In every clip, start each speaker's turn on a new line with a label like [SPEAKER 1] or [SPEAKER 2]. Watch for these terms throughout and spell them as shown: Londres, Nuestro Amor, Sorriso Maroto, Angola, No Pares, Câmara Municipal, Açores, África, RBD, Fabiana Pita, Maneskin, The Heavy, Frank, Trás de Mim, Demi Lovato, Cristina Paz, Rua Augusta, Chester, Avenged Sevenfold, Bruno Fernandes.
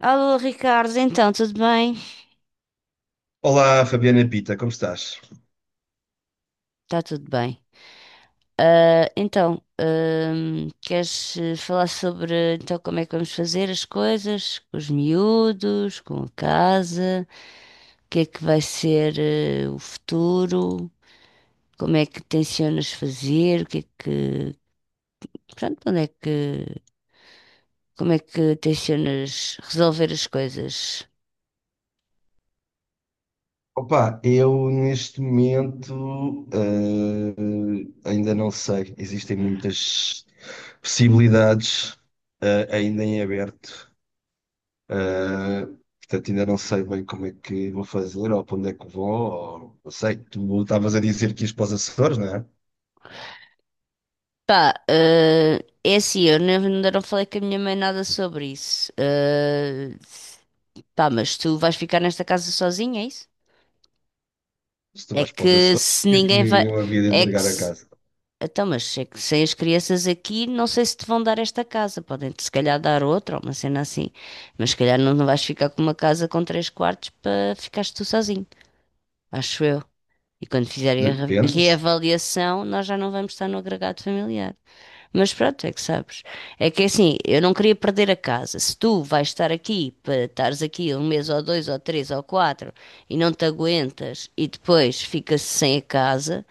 [SPEAKER 1] Alô, Ricardo, então, tudo bem?
[SPEAKER 2] Olá, Fabiana Pita, como estás?
[SPEAKER 1] Está tudo bem. Ah, então, queres falar sobre então, como é que vamos fazer as coisas com os miúdos, com a casa, o que é que vai ser o futuro, como é que tencionas fazer, o que é que, pronto, onde é que, como é que tencionas resolver as coisas?
[SPEAKER 2] Opa, eu neste momento ainda não sei. Existem muitas possibilidades ainda em aberto. Eh, Portanto, ainda não sei bem como é que vou fazer ou para onde é que vou. Ou, não sei, tu estavas a dizer que ias para os Açores, não é?
[SPEAKER 1] Pá, é assim, eu nem ainda não falei com a minha mãe nada sobre isso. Pá, mas tu vais ficar nesta casa sozinha, é isso?
[SPEAKER 2] Se tu
[SPEAKER 1] É
[SPEAKER 2] vais para os
[SPEAKER 1] que
[SPEAKER 2] Açores, o
[SPEAKER 1] se
[SPEAKER 2] que é que
[SPEAKER 1] ninguém vai.
[SPEAKER 2] eu havia de
[SPEAKER 1] É que
[SPEAKER 2] entregar a
[SPEAKER 1] se...
[SPEAKER 2] casa?
[SPEAKER 1] Então, mas é que sem as crianças aqui, não sei se te vão dar esta casa. Podem-te se calhar dar outra, ou uma cena assim. Mas se calhar não vais ficar com uma casa com três quartos para ficares tu sozinho. Acho eu. E quando fizerem a
[SPEAKER 2] Depende.
[SPEAKER 1] reavaliação, nós já não vamos estar no agregado familiar. Mas pronto, é que sabes. É que assim, eu não queria perder a casa. Se tu vais estar aqui, para estares aqui um mês ou dois ou três ou quatro e não te aguentas e depois fica-se sem a casa,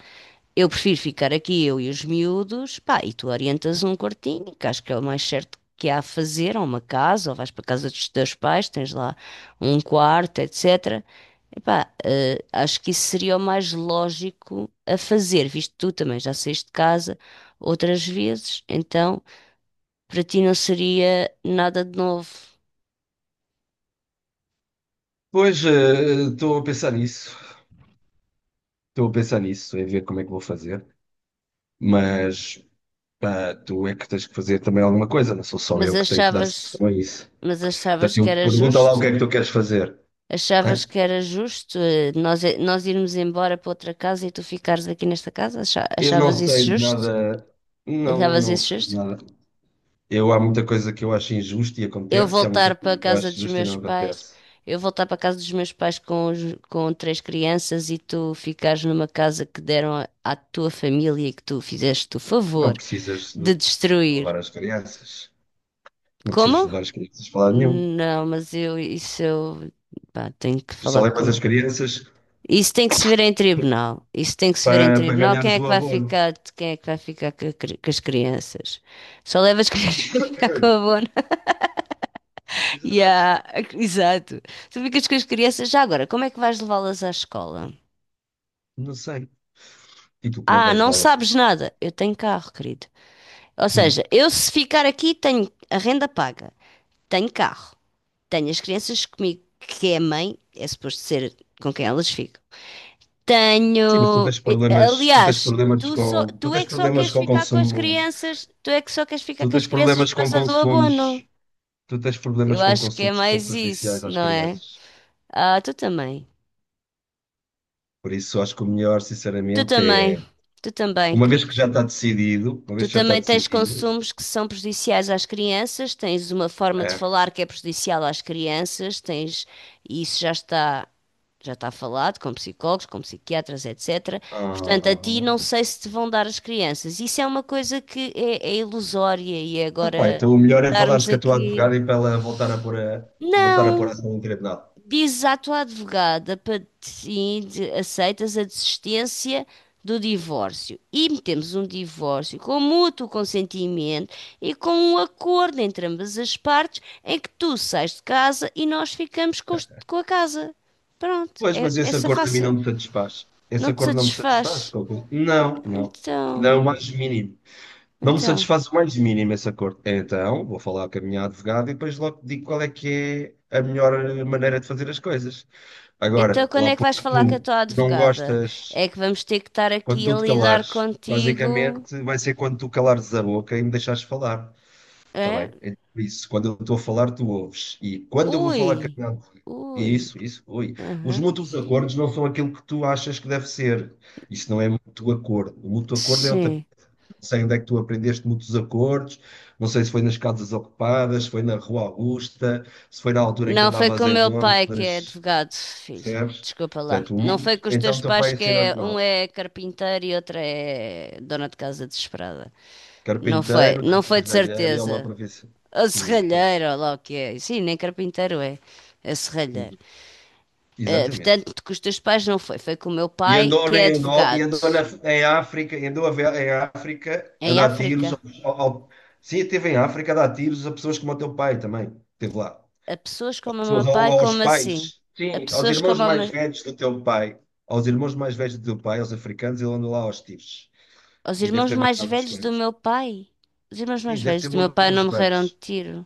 [SPEAKER 1] eu prefiro ficar aqui, eu e os miúdos, pá, e tu orientas um quartinho, que acho que é o mais certo que há a fazer, ou uma casa, ou vais para a casa dos teus pais, tens lá um quarto, etc. Epá, acho que isso seria o mais lógico a fazer, visto que tu também já saíste de casa outras vezes, então para ti não seria nada de novo.
[SPEAKER 2] Pois, estou a pensar nisso. Estou a pensar nisso, em ver como é que vou fazer. Mas. Pá, tu é que tens que fazer também alguma coisa, não sou só
[SPEAKER 1] Mas
[SPEAKER 2] eu que tenho que dar
[SPEAKER 1] achavas,
[SPEAKER 2] solução a isso.
[SPEAKER 1] mas
[SPEAKER 2] Portanto,
[SPEAKER 1] achavas que
[SPEAKER 2] eu
[SPEAKER 1] era
[SPEAKER 2] pergunta lá o
[SPEAKER 1] justo?
[SPEAKER 2] que é que tu queres fazer.
[SPEAKER 1] Achavas
[SPEAKER 2] Hã?
[SPEAKER 1] que era justo nós irmos embora para outra casa e tu ficares aqui nesta casa?
[SPEAKER 2] Eu
[SPEAKER 1] Achavas
[SPEAKER 2] não
[SPEAKER 1] isso
[SPEAKER 2] sei de
[SPEAKER 1] justo?
[SPEAKER 2] nada, não,
[SPEAKER 1] Achavas
[SPEAKER 2] não
[SPEAKER 1] isso
[SPEAKER 2] sei de
[SPEAKER 1] justo?
[SPEAKER 2] nada. Eu, há muita coisa que eu acho injusta e
[SPEAKER 1] Eu
[SPEAKER 2] acontece, e há muita
[SPEAKER 1] voltar para a
[SPEAKER 2] coisa que eu
[SPEAKER 1] casa
[SPEAKER 2] acho
[SPEAKER 1] dos
[SPEAKER 2] justa e
[SPEAKER 1] meus
[SPEAKER 2] não
[SPEAKER 1] pais,
[SPEAKER 2] acontece.
[SPEAKER 1] eu voltar para a casa dos meus pais com três crianças e tu ficares numa casa que deram à tua família e que tu fizeste o
[SPEAKER 2] Não
[SPEAKER 1] favor
[SPEAKER 2] precisas
[SPEAKER 1] de
[SPEAKER 2] de
[SPEAKER 1] destruir.
[SPEAKER 2] levar as crianças, não precisas
[SPEAKER 1] Como?
[SPEAKER 2] de levar as crianças para lado nenhum.
[SPEAKER 1] Não, mas eu, isso eu, pá, tenho que
[SPEAKER 2] Tu só
[SPEAKER 1] falar
[SPEAKER 2] levas as
[SPEAKER 1] com.
[SPEAKER 2] crianças
[SPEAKER 1] Isso tem que se ver em tribunal. Isso tem que se ver em
[SPEAKER 2] para
[SPEAKER 1] tribunal. Quem
[SPEAKER 2] ganhares
[SPEAKER 1] é
[SPEAKER 2] o
[SPEAKER 1] que vai
[SPEAKER 2] abono.
[SPEAKER 1] ficar, quem é que vai ficar com as crianças? Só leva as crianças para ficar com a bona. E
[SPEAKER 2] Exato,
[SPEAKER 1] Exato. Tu ficas com as crianças. Já agora, como é que vais levá-las à escola?
[SPEAKER 2] não sei. E tu como é que
[SPEAKER 1] Ah,
[SPEAKER 2] vais
[SPEAKER 1] não
[SPEAKER 2] levar?
[SPEAKER 1] sabes nada. Eu tenho carro, querido. Ou seja, eu se ficar aqui tenho a renda paga, tenho carro, tenho as crianças comigo, que é a mãe, é suposto ser com quem elas ficam.
[SPEAKER 2] Sim, mas tu
[SPEAKER 1] Tenho.
[SPEAKER 2] tens problemas, tu tens
[SPEAKER 1] Aliás,
[SPEAKER 2] problemas com, tu
[SPEAKER 1] tu
[SPEAKER 2] tens
[SPEAKER 1] é que só
[SPEAKER 2] problemas
[SPEAKER 1] queres
[SPEAKER 2] com o
[SPEAKER 1] ficar com as
[SPEAKER 2] consumo,
[SPEAKER 1] crianças, tu é que só queres ficar
[SPEAKER 2] tu
[SPEAKER 1] com as
[SPEAKER 2] tens
[SPEAKER 1] crianças por
[SPEAKER 2] problemas com
[SPEAKER 1] causa do abono.
[SPEAKER 2] consumos, tu tens
[SPEAKER 1] Eu
[SPEAKER 2] problemas com
[SPEAKER 1] acho que é
[SPEAKER 2] consumos que são
[SPEAKER 1] mais
[SPEAKER 2] prejudiciais
[SPEAKER 1] isso,
[SPEAKER 2] às
[SPEAKER 1] não é?
[SPEAKER 2] crianças.
[SPEAKER 1] Ah, tu também.
[SPEAKER 2] Por isso, acho que o melhor,
[SPEAKER 1] Tu
[SPEAKER 2] sinceramente,
[SPEAKER 1] também.
[SPEAKER 2] é,
[SPEAKER 1] Tu também,
[SPEAKER 2] uma vez
[SPEAKER 1] querido.
[SPEAKER 2] que já está decidido, uma
[SPEAKER 1] Tu
[SPEAKER 2] vez que já está
[SPEAKER 1] também tens
[SPEAKER 2] decidido,
[SPEAKER 1] consumos que são prejudiciais às crianças, tens uma forma de
[SPEAKER 2] é,
[SPEAKER 1] falar que é prejudicial às crianças, tens, e isso já está falado com psicólogos, com psiquiatras, etc. Portanto, a ti
[SPEAKER 2] ah,
[SPEAKER 1] não sei se te vão dar as crianças. Isso é uma coisa que é ilusória e
[SPEAKER 2] pá,
[SPEAKER 1] agora
[SPEAKER 2] então o melhor é falares
[SPEAKER 1] estarmos
[SPEAKER 2] com a tua
[SPEAKER 1] aqui.
[SPEAKER 2] advogada e para ela voltar a pôr voltar a pôr a
[SPEAKER 1] Não,
[SPEAKER 2] ação em tribunal.
[SPEAKER 1] dizes à tua advogada para sim, aceitas a desistência do divórcio e metemos um divórcio com mútuo consentimento e com um acordo entre ambas as partes em que tu sais de casa e nós ficamos com a casa. Pronto,
[SPEAKER 2] Pois,
[SPEAKER 1] é
[SPEAKER 2] mas esse
[SPEAKER 1] essa
[SPEAKER 2] acordo a mim não
[SPEAKER 1] fácil.
[SPEAKER 2] me satisfaz. Esse
[SPEAKER 1] Não te
[SPEAKER 2] acordo não me satisfaz.
[SPEAKER 1] satisfaz.
[SPEAKER 2] Coco. Não, não.
[SPEAKER 1] Então,
[SPEAKER 2] Não, o mais mínimo. Não me
[SPEAKER 1] então.
[SPEAKER 2] satisfaz o mais mínimo esse acordo. Então, vou falar com a minha advogada e depois logo te digo qual é que é a melhor maneira de fazer as coisas.
[SPEAKER 1] Então,
[SPEAKER 2] Agora,
[SPEAKER 1] quando
[SPEAKER 2] lá
[SPEAKER 1] é que vais
[SPEAKER 2] porque
[SPEAKER 1] falar com a
[SPEAKER 2] tu
[SPEAKER 1] tua
[SPEAKER 2] não
[SPEAKER 1] advogada?
[SPEAKER 2] gostas,
[SPEAKER 1] É que vamos ter que estar
[SPEAKER 2] quando
[SPEAKER 1] aqui a
[SPEAKER 2] tu te
[SPEAKER 1] lidar
[SPEAKER 2] calares,
[SPEAKER 1] contigo.
[SPEAKER 2] basicamente vai ser quando tu calares a boca e me deixares falar. Está
[SPEAKER 1] É?
[SPEAKER 2] bem? É por isso, quando eu estou a falar, tu ouves. E quando eu vou falar com a
[SPEAKER 1] Ui,
[SPEAKER 2] minha advogada.
[SPEAKER 1] ui.
[SPEAKER 2] Isso, ui. Os
[SPEAKER 1] Aham.
[SPEAKER 2] mútuos acordos não são aquilo que tu achas que deve ser. Isso não é mútuo acordo. O mútuo acordo é outra,
[SPEAKER 1] Sim.
[SPEAKER 2] não sei onde é que tu aprendeste muitos acordes, não sei se foi nas casas ocupadas, se foi na Rua Augusta, se foi na altura em que
[SPEAKER 1] Não foi com
[SPEAKER 2] andavas
[SPEAKER 1] o
[SPEAKER 2] em
[SPEAKER 1] meu pai que é
[SPEAKER 2] Londres,
[SPEAKER 1] advogado, filho.
[SPEAKER 2] percebes?
[SPEAKER 1] Desculpa lá.
[SPEAKER 2] Portanto,
[SPEAKER 1] Não foi com os
[SPEAKER 2] então o
[SPEAKER 1] teus
[SPEAKER 2] teu
[SPEAKER 1] pais
[SPEAKER 2] pai
[SPEAKER 1] que
[SPEAKER 2] ensinou-te
[SPEAKER 1] é, um
[SPEAKER 2] mal.
[SPEAKER 1] é carpinteiro e outro é dona de casa desesperada. Não foi,
[SPEAKER 2] Carpinteiro,
[SPEAKER 1] não
[SPEAKER 2] dante
[SPEAKER 1] foi de
[SPEAKER 2] serralheiro e é uma
[SPEAKER 1] certeza.
[SPEAKER 2] profissão.
[SPEAKER 1] Ou
[SPEAKER 2] Pois.
[SPEAKER 1] serralheiro, ou lá o que é. Sim, nem carpinteiro é. É serralheiro.
[SPEAKER 2] Uhum, exatamente.
[SPEAKER 1] Portanto, com os teus pais não foi. Foi com o meu
[SPEAKER 2] E
[SPEAKER 1] pai
[SPEAKER 2] andou
[SPEAKER 1] que é
[SPEAKER 2] em Angola,
[SPEAKER 1] advogado.
[SPEAKER 2] em África, em África a
[SPEAKER 1] Em
[SPEAKER 2] dar tiros.
[SPEAKER 1] África.
[SPEAKER 2] Ao, ao- sim, esteve em África a dar tiros a pessoas como o teu pai também. Esteve lá.
[SPEAKER 1] A pessoas como o meu
[SPEAKER 2] Pessoas, ou
[SPEAKER 1] pai,
[SPEAKER 2] aos
[SPEAKER 1] como assim?
[SPEAKER 2] pais,
[SPEAKER 1] A
[SPEAKER 2] sim, aos
[SPEAKER 1] pessoas
[SPEAKER 2] irmãos
[SPEAKER 1] como o meu.
[SPEAKER 2] mais velhos do teu pai, aos irmãos mais velhos do teu pai, aos africanos, ele andou lá aos tiros.
[SPEAKER 1] Os
[SPEAKER 2] E deve
[SPEAKER 1] irmãos
[SPEAKER 2] ter
[SPEAKER 1] mais
[SPEAKER 2] matado uns
[SPEAKER 1] velhos do
[SPEAKER 2] quantos.
[SPEAKER 1] meu pai. Os irmãos mais
[SPEAKER 2] Sim, deve
[SPEAKER 1] velhos
[SPEAKER 2] ter
[SPEAKER 1] do meu
[SPEAKER 2] morto
[SPEAKER 1] pai não
[SPEAKER 2] uns
[SPEAKER 1] morreram de
[SPEAKER 2] quantos.
[SPEAKER 1] tiro.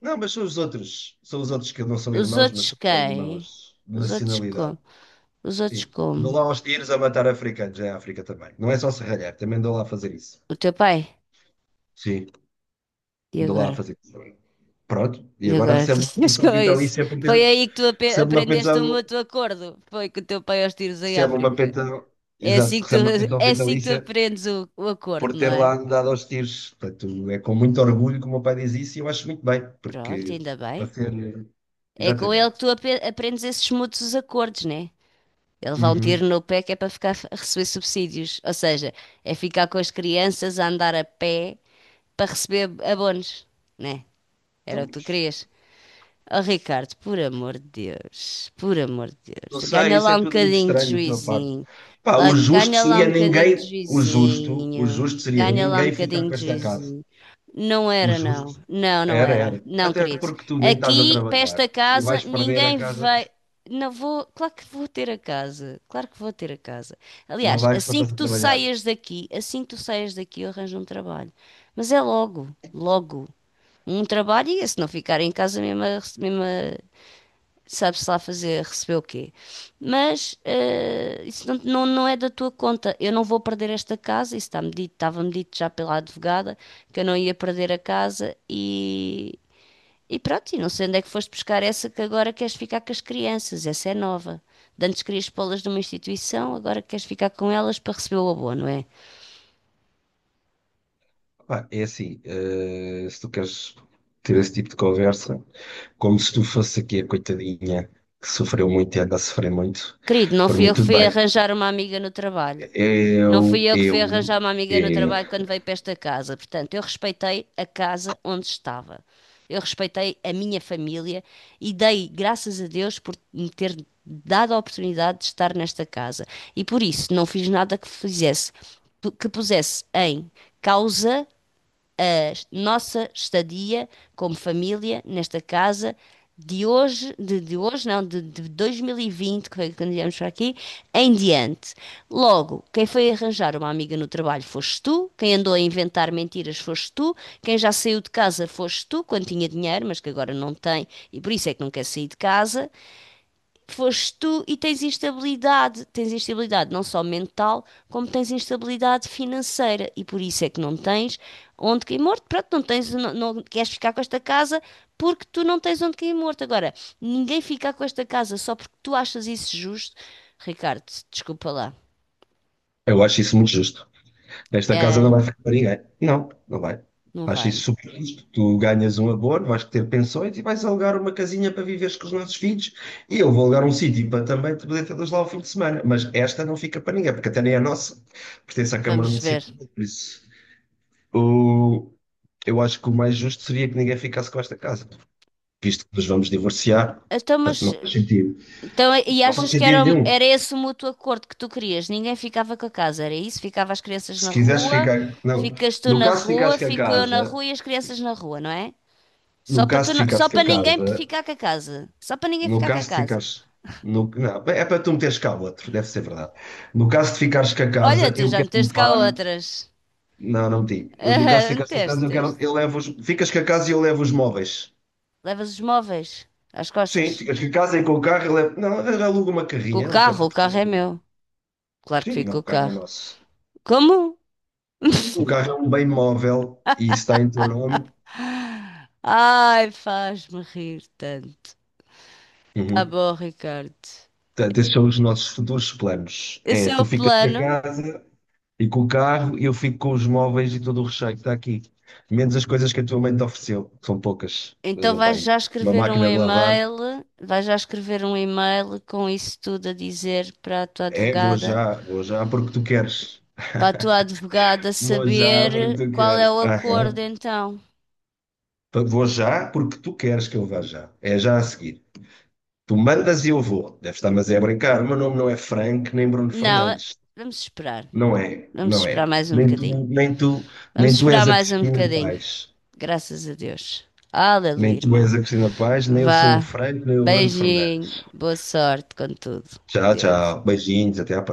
[SPEAKER 2] Não, mas são os outros. São os outros que não são
[SPEAKER 1] Os
[SPEAKER 2] irmãos, mas
[SPEAKER 1] outros
[SPEAKER 2] são
[SPEAKER 1] quem?
[SPEAKER 2] irmãos de
[SPEAKER 1] Os outros como?
[SPEAKER 2] nacionalidade.
[SPEAKER 1] Os outros
[SPEAKER 2] Sim. Andou
[SPEAKER 1] como?
[SPEAKER 2] lá aos tiros a matar africanos, é a África também. Não é só serralhar, também andou lá a fazer isso.
[SPEAKER 1] O teu pai?
[SPEAKER 2] Sim,
[SPEAKER 1] E
[SPEAKER 2] andou lá a
[SPEAKER 1] agora?
[SPEAKER 2] fazer isso também. Pronto, e
[SPEAKER 1] E
[SPEAKER 2] agora
[SPEAKER 1] agora que
[SPEAKER 2] recebe uma
[SPEAKER 1] tinhas
[SPEAKER 2] pensão
[SPEAKER 1] com isso?
[SPEAKER 2] vitalícia por
[SPEAKER 1] Foi
[SPEAKER 2] ter.
[SPEAKER 1] aí que tu
[SPEAKER 2] Recebe uma
[SPEAKER 1] aprendeste o
[SPEAKER 2] pensão
[SPEAKER 1] mútuo acordo. Foi com o teu pai aos tiros em
[SPEAKER 2] recebe uma
[SPEAKER 1] África.
[SPEAKER 2] pena,
[SPEAKER 1] É
[SPEAKER 2] exato,
[SPEAKER 1] assim que tu,
[SPEAKER 2] recebe uma pensão
[SPEAKER 1] é assim que tu
[SPEAKER 2] vitalícia
[SPEAKER 1] aprendes o
[SPEAKER 2] por
[SPEAKER 1] acordo, não
[SPEAKER 2] ter
[SPEAKER 1] é?
[SPEAKER 2] lá andado aos tiros. Portanto, é com muito orgulho que o meu pai diz isso e eu acho muito bem,
[SPEAKER 1] Pronto,
[SPEAKER 2] porque
[SPEAKER 1] ainda
[SPEAKER 2] para
[SPEAKER 1] bem.
[SPEAKER 2] ser.
[SPEAKER 1] É com ele
[SPEAKER 2] Exatamente.
[SPEAKER 1] que tu aprendes esses mútuos acordos, né? Eles vão ter
[SPEAKER 2] Uhum.
[SPEAKER 1] no pé que é para ficar a receber subsídios. Ou seja, é ficar com as crianças a andar a pé para receber abonos, né?
[SPEAKER 2] Então,
[SPEAKER 1] Era o que tu
[SPEAKER 2] mas
[SPEAKER 1] querias. Oh, Ricardo, por amor de Deus, por amor de
[SPEAKER 2] não
[SPEAKER 1] Deus,
[SPEAKER 2] sei,
[SPEAKER 1] ganha
[SPEAKER 2] isso
[SPEAKER 1] lá
[SPEAKER 2] é
[SPEAKER 1] um
[SPEAKER 2] tudo muito
[SPEAKER 1] bocadinho de
[SPEAKER 2] estranho da tua parte.
[SPEAKER 1] juizinho,
[SPEAKER 2] Pá,
[SPEAKER 1] lá,
[SPEAKER 2] o justo
[SPEAKER 1] ganha lá um
[SPEAKER 2] seria
[SPEAKER 1] bocadinho
[SPEAKER 2] ninguém.
[SPEAKER 1] de
[SPEAKER 2] O
[SPEAKER 1] juizinho,
[SPEAKER 2] justo seria
[SPEAKER 1] ganha lá um
[SPEAKER 2] ninguém ficar
[SPEAKER 1] bocadinho
[SPEAKER 2] com
[SPEAKER 1] de
[SPEAKER 2] esta casa.
[SPEAKER 1] juizinho. Não
[SPEAKER 2] O
[SPEAKER 1] era,
[SPEAKER 2] justo
[SPEAKER 1] não
[SPEAKER 2] era,
[SPEAKER 1] era,
[SPEAKER 2] era.
[SPEAKER 1] não,
[SPEAKER 2] Até
[SPEAKER 1] querido.
[SPEAKER 2] porque tu nem estás a
[SPEAKER 1] Aqui, para
[SPEAKER 2] trabalhar
[SPEAKER 1] esta
[SPEAKER 2] e
[SPEAKER 1] casa,
[SPEAKER 2] vais perder a
[SPEAKER 1] ninguém
[SPEAKER 2] casa,
[SPEAKER 1] vai. Não vou, claro que vou ter a casa, claro que vou ter a casa.
[SPEAKER 2] não
[SPEAKER 1] Aliás,
[SPEAKER 2] vais, não
[SPEAKER 1] assim
[SPEAKER 2] estás
[SPEAKER 1] que
[SPEAKER 2] a
[SPEAKER 1] tu
[SPEAKER 2] trabalhar.
[SPEAKER 1] saias daqui, assim que tu saias daqui, eu arranjo um trabalho. Mas é logo, logo um trabalho e se não ficar em casa mesmo, a mesmo sabe-se lá fazer, receber o quê. Mas isso não é da tua conta. Eu não vou perder esta casa, isso está-me dito, estava-me dito já pela advogada que eu não ia perder a casa e pronto, e não sei onde é que foste buscar essa que agora queres ficar com as crianças, essa é nova. De antes querias pô-las numa instituição, agora queres ficar com elas para receber o abono, não é?
[SPEAKER 2] Pá, é assim, se tu queres ter esse tipo de conversa, como se tu fosse aqui a coitadinha que sofreu muito e anda a sofrer muito,
[SPEAKER 1] Querido, não
[SPEAKER 2] por
[SPEAKER 1] fui
[SPEAKER 2] mim
[SPEAKER 1] eu que
[SPEAKER 2] tudo
[SPEAKER 1] fui
[SPEAKER 2] bem.
[SPEAKER 1] arranjar uma amiga no trabalho. Não fui
[SPEAKER 2] Eu,
[SPEAKER 1] eu que fui
[SPEAKER 2] eu,
[SPEAKER 1] arranjar uma amiga no
[SPEAKER 2] eu,
[SPEAKER 1] trabalho quando veio para esta casa. Portanto, eu respeitei a casa onde estava. Eu respeitei a minha família e dei graças a Deus por me ter dado a oportunidade de estar nesta casa. E por isso não fiz nada que fizesse, que pusesse em causa a nossa estadia como família nesta casa de hoje, de hoje não, de 2020, que foi quando viemos para aqui, em diante. Logo, quem foi arranjar uma amiga no trabalho foste tu, quem andou a inventar mentiras foste tu, quem já saiu de casa foste tu, quando tinha dinheiro, mas que agora não tem, e por isso é que não quer sair de casa, foste tu e tens instabilidade. Tens instabilidade não só mental, como tens instabilidade financeira. E por isso é que não tens onde cair morto. Pronto, não tens, não queres ficar com esta casa porque tu não tens onde cair morto. Agora, ninguém fica com esta casa só porque tu achas isso justo. Ricardo, desculpa lá.
[SPEAKER 2] eu acho isso muito justo. Esta casa não
[SPEAKER 1] É,
[SPEAKER 2] vai ficar para ninguém. Não, não vai.
[SPEAKER 1] não
[SPEAKER 2] Acho isso
[SPEAKER 1] vai.
[SPEAKER 2] super justo. Tu ganhas um abono, vais ter pensões e vais alugar uma casinha para viveres com os nossos filhos e eu vou alugar um sítio para também te poder ter lá ao fim de semana. Mas esta não fica para ninguém, porque até nem é nossa. Pertence à Câmara
[SPEAKER 1] Vamos ver.
[SPEAKER 2] Municipal, por isso. O, eu acho que o mais justo seria que ninguém ficasse com esta casa, visto que nos vamos divorciar.
[SPEAKER 1] Então,
[SPEAKER 2] Portanto,
[SPEAKER 1] mas
[SPEAKER 2] não faz sentido.
[SPEAKER 1] então, e
[SPEAKER 2] Não faz
[SPEAKER 1] achas que
[SPEAKER 2] sentido
[SPEAKER 1] era,
[SPEAKER 2] nenhum.
[SPEAKER 1] era esse o mútuo acordo que tu querias? Ninguém ficava com a casa, era isso? Ficava as crianças
[SPEAKER 2] Se
[SPEAKER 1] na
[SPEAKER 2] quiseres
[SPEAKER 1] rua,
[SPEAKER 2] ficar. Não.
[SPEAKER 1] ficas tu
[SPEAKER 2] No
[SPEAKER 1] na
[SPEAKER 2] caso de ficares
[SPEAKER 1] rua,
[SPEAKER 2] com a
[SPEAKER 1] fico eu na
[SPEAKER 2] casa,
[SPEAKER 1] rua e as crianças na rua, não é? Só
[SPEAKER 2] no
[SPEAKER 1] para
[SPEAKER 2] caso
[SPEAKER 1] tu,
[SPEAKER 2] de
[SPEAKER 1] só
[SPEAKER 2] ficares com a
[SPEAKER 1] para ninguém
[SPEAKER 2] casa,
[SPEAKER 1] ficar com a casa. Só para ninguém
[SPEAKER 2] no
[SPEAKER 1] ficar com a
[SPEAKER 2] caso de
[SPEAKER 1] casa.
[SPEAKER 2] ficares. No, não, é para tu meteres cá outro, deve ser verdade. No caso de ficares com a
[SPEAKER 1] Olha,
[SPEAKER 2] casa,
[SPEAKER 1] tu
[SPEAKER 2] eu
[SPEAKER 1] já
[SPEAKER 2] quero
[SPEAKER 1] meteste cá
[SPEAKER 2] levar.
[SPEAKER 1] outras.
[SPEAKER 2] Não, não digo. Eu, no caso de
[SPEAKER 1] Ah,
[SPEAKER 2] ficares com a
[SPEAKER 1] meteste,
[SPEAKER 2] casa, eu quero.
[SPEAKER 1] meteste.
[SPEAKER 2] Eu levo os, ficas com a casa e eu levo os móveis.
[SPEAKER 1] Levas os móveis às costas.
[SPEAKER 2] Sim, ficas com a casa e com o carro. Eu levo, não, aluga uma
[SPEAKER 1] Com
[SPEAKER 2] carrinha. Não te
[SPEAKER 1] o carro é
[SPEAKER 2] preocupes.
[SPEAKER 1] meu. Claro que
[SPEAKER 2] Sim,
[SPEAKER 1] fico com
[SPEAKER 2] não,
[SPEAKER 1] o
[SPEAKER 2] o carro é
[SPEAKER 1] carro.
[SPEAKER 2] nosso.
[SPEAKER 1] Como?
[SPEAKER 2] O carro é um bem móvel e está em teu nome.
[SPEAKER 1] Ai, faz-me rir tanto. Tá
[SPEAKER 2] Uhum.
[SPEAKER 1] bom, Ricardo.
[SPEAKER 2] Portanto, esses são
[SPEAKER 1] É.
[SPEAKER 2] os nossos futuros planos.
[SPEAKER 1] Esse
[SPEAKER 2] É,
[SPEAKER 1] é
[SPEAKER 2] tu
[SPEAKER 1] o
[SPEAKER 2] ficas com a
[SPEAKER 1] plano.
[SPEAKER 2] casa e com o carro, e eu fico com os móveis e todo o recheio que está aqui. Menos as coisas que a tua mãe te ofereceu, que são poucas.
[SPEAKER 1] Então
[SPEAKER 2] Andam para
[SPEAKER 1] vais
[SPEAKER 2] aí.
[SPEAKER 1] já
[SPEAKER 2] Uma
[SPEAKER 1] escrever um
[SPEAKER 2] máquina de lavar,
[SPEAKER 1] e-mail, vais já escrever um e-mail com isso tudo a dizer para a tua
[SPEAKER 2] é,
[SPEAKER 1] advogada,
[SPEAKER 2] vou já porque tu queres.
[SPEAKER 1] para a tua advogada
[SPEAKER 2] Vou já porque
[SPEAKER 1] saber
[SPEAKER 2] tu
[SPEAKER 1] qual é
[SPEAKER 2] queres.
[SPEAKER 1] o acordo
[SPEAKER 2] Aham.
[SPEAKER 1] então.
[SPEAKER 2] Vou já porque tu queres que eu vá já. É já a seguir. Tu mandas e eu vou. Deve estar, mas é a brincar. O meu nome não é Frank nem Bruno
[SPEAKER 1] Não,
[SPEAKER 2] Fernandes.
[SPEAKER 1] vamos esperar.
[SPEAKER 2] Não é,
[SPEAKER 1] Vamos
[SPEAKER 2] não
[SPEAKER 1] esperar
[SPEAKER 2] é.
[SPEAKER 1] mais um bocadinho. Vamos
[SPEAKER 2] Nem tu
[SPEAKER 1] esperar
[SPEAKER 2] és a
[SPEAKER 1] mais um
[SPEAKER 2] Cristina
[SPEAKER 1] bocadinho.
[SPEAKER 2] Paz.
[SPEAKER 1] Graças a Deus.
[SPEAKER 2] Nem
[SPEAKER 1] Aleluia,
[SPEAKER 2] tu és
[SPEAKER 1] irmão.
[SPEAKER 2] a Cristina Paz, nem eu sou o
[SPEAKER 1] Vá.
[SPEAKER 2] Frank, nem o Bruno
[SPEAKER 1] Beijinho.
[SPEAKER 2] Fernandes.
[SPEAKER 1] Boa sorte com tudo.
[SPEAKER 2] Tchau,
[SPEAKER 1] Deus.
[SPEAKER 2] tchau. Beijinhos, até à próxima.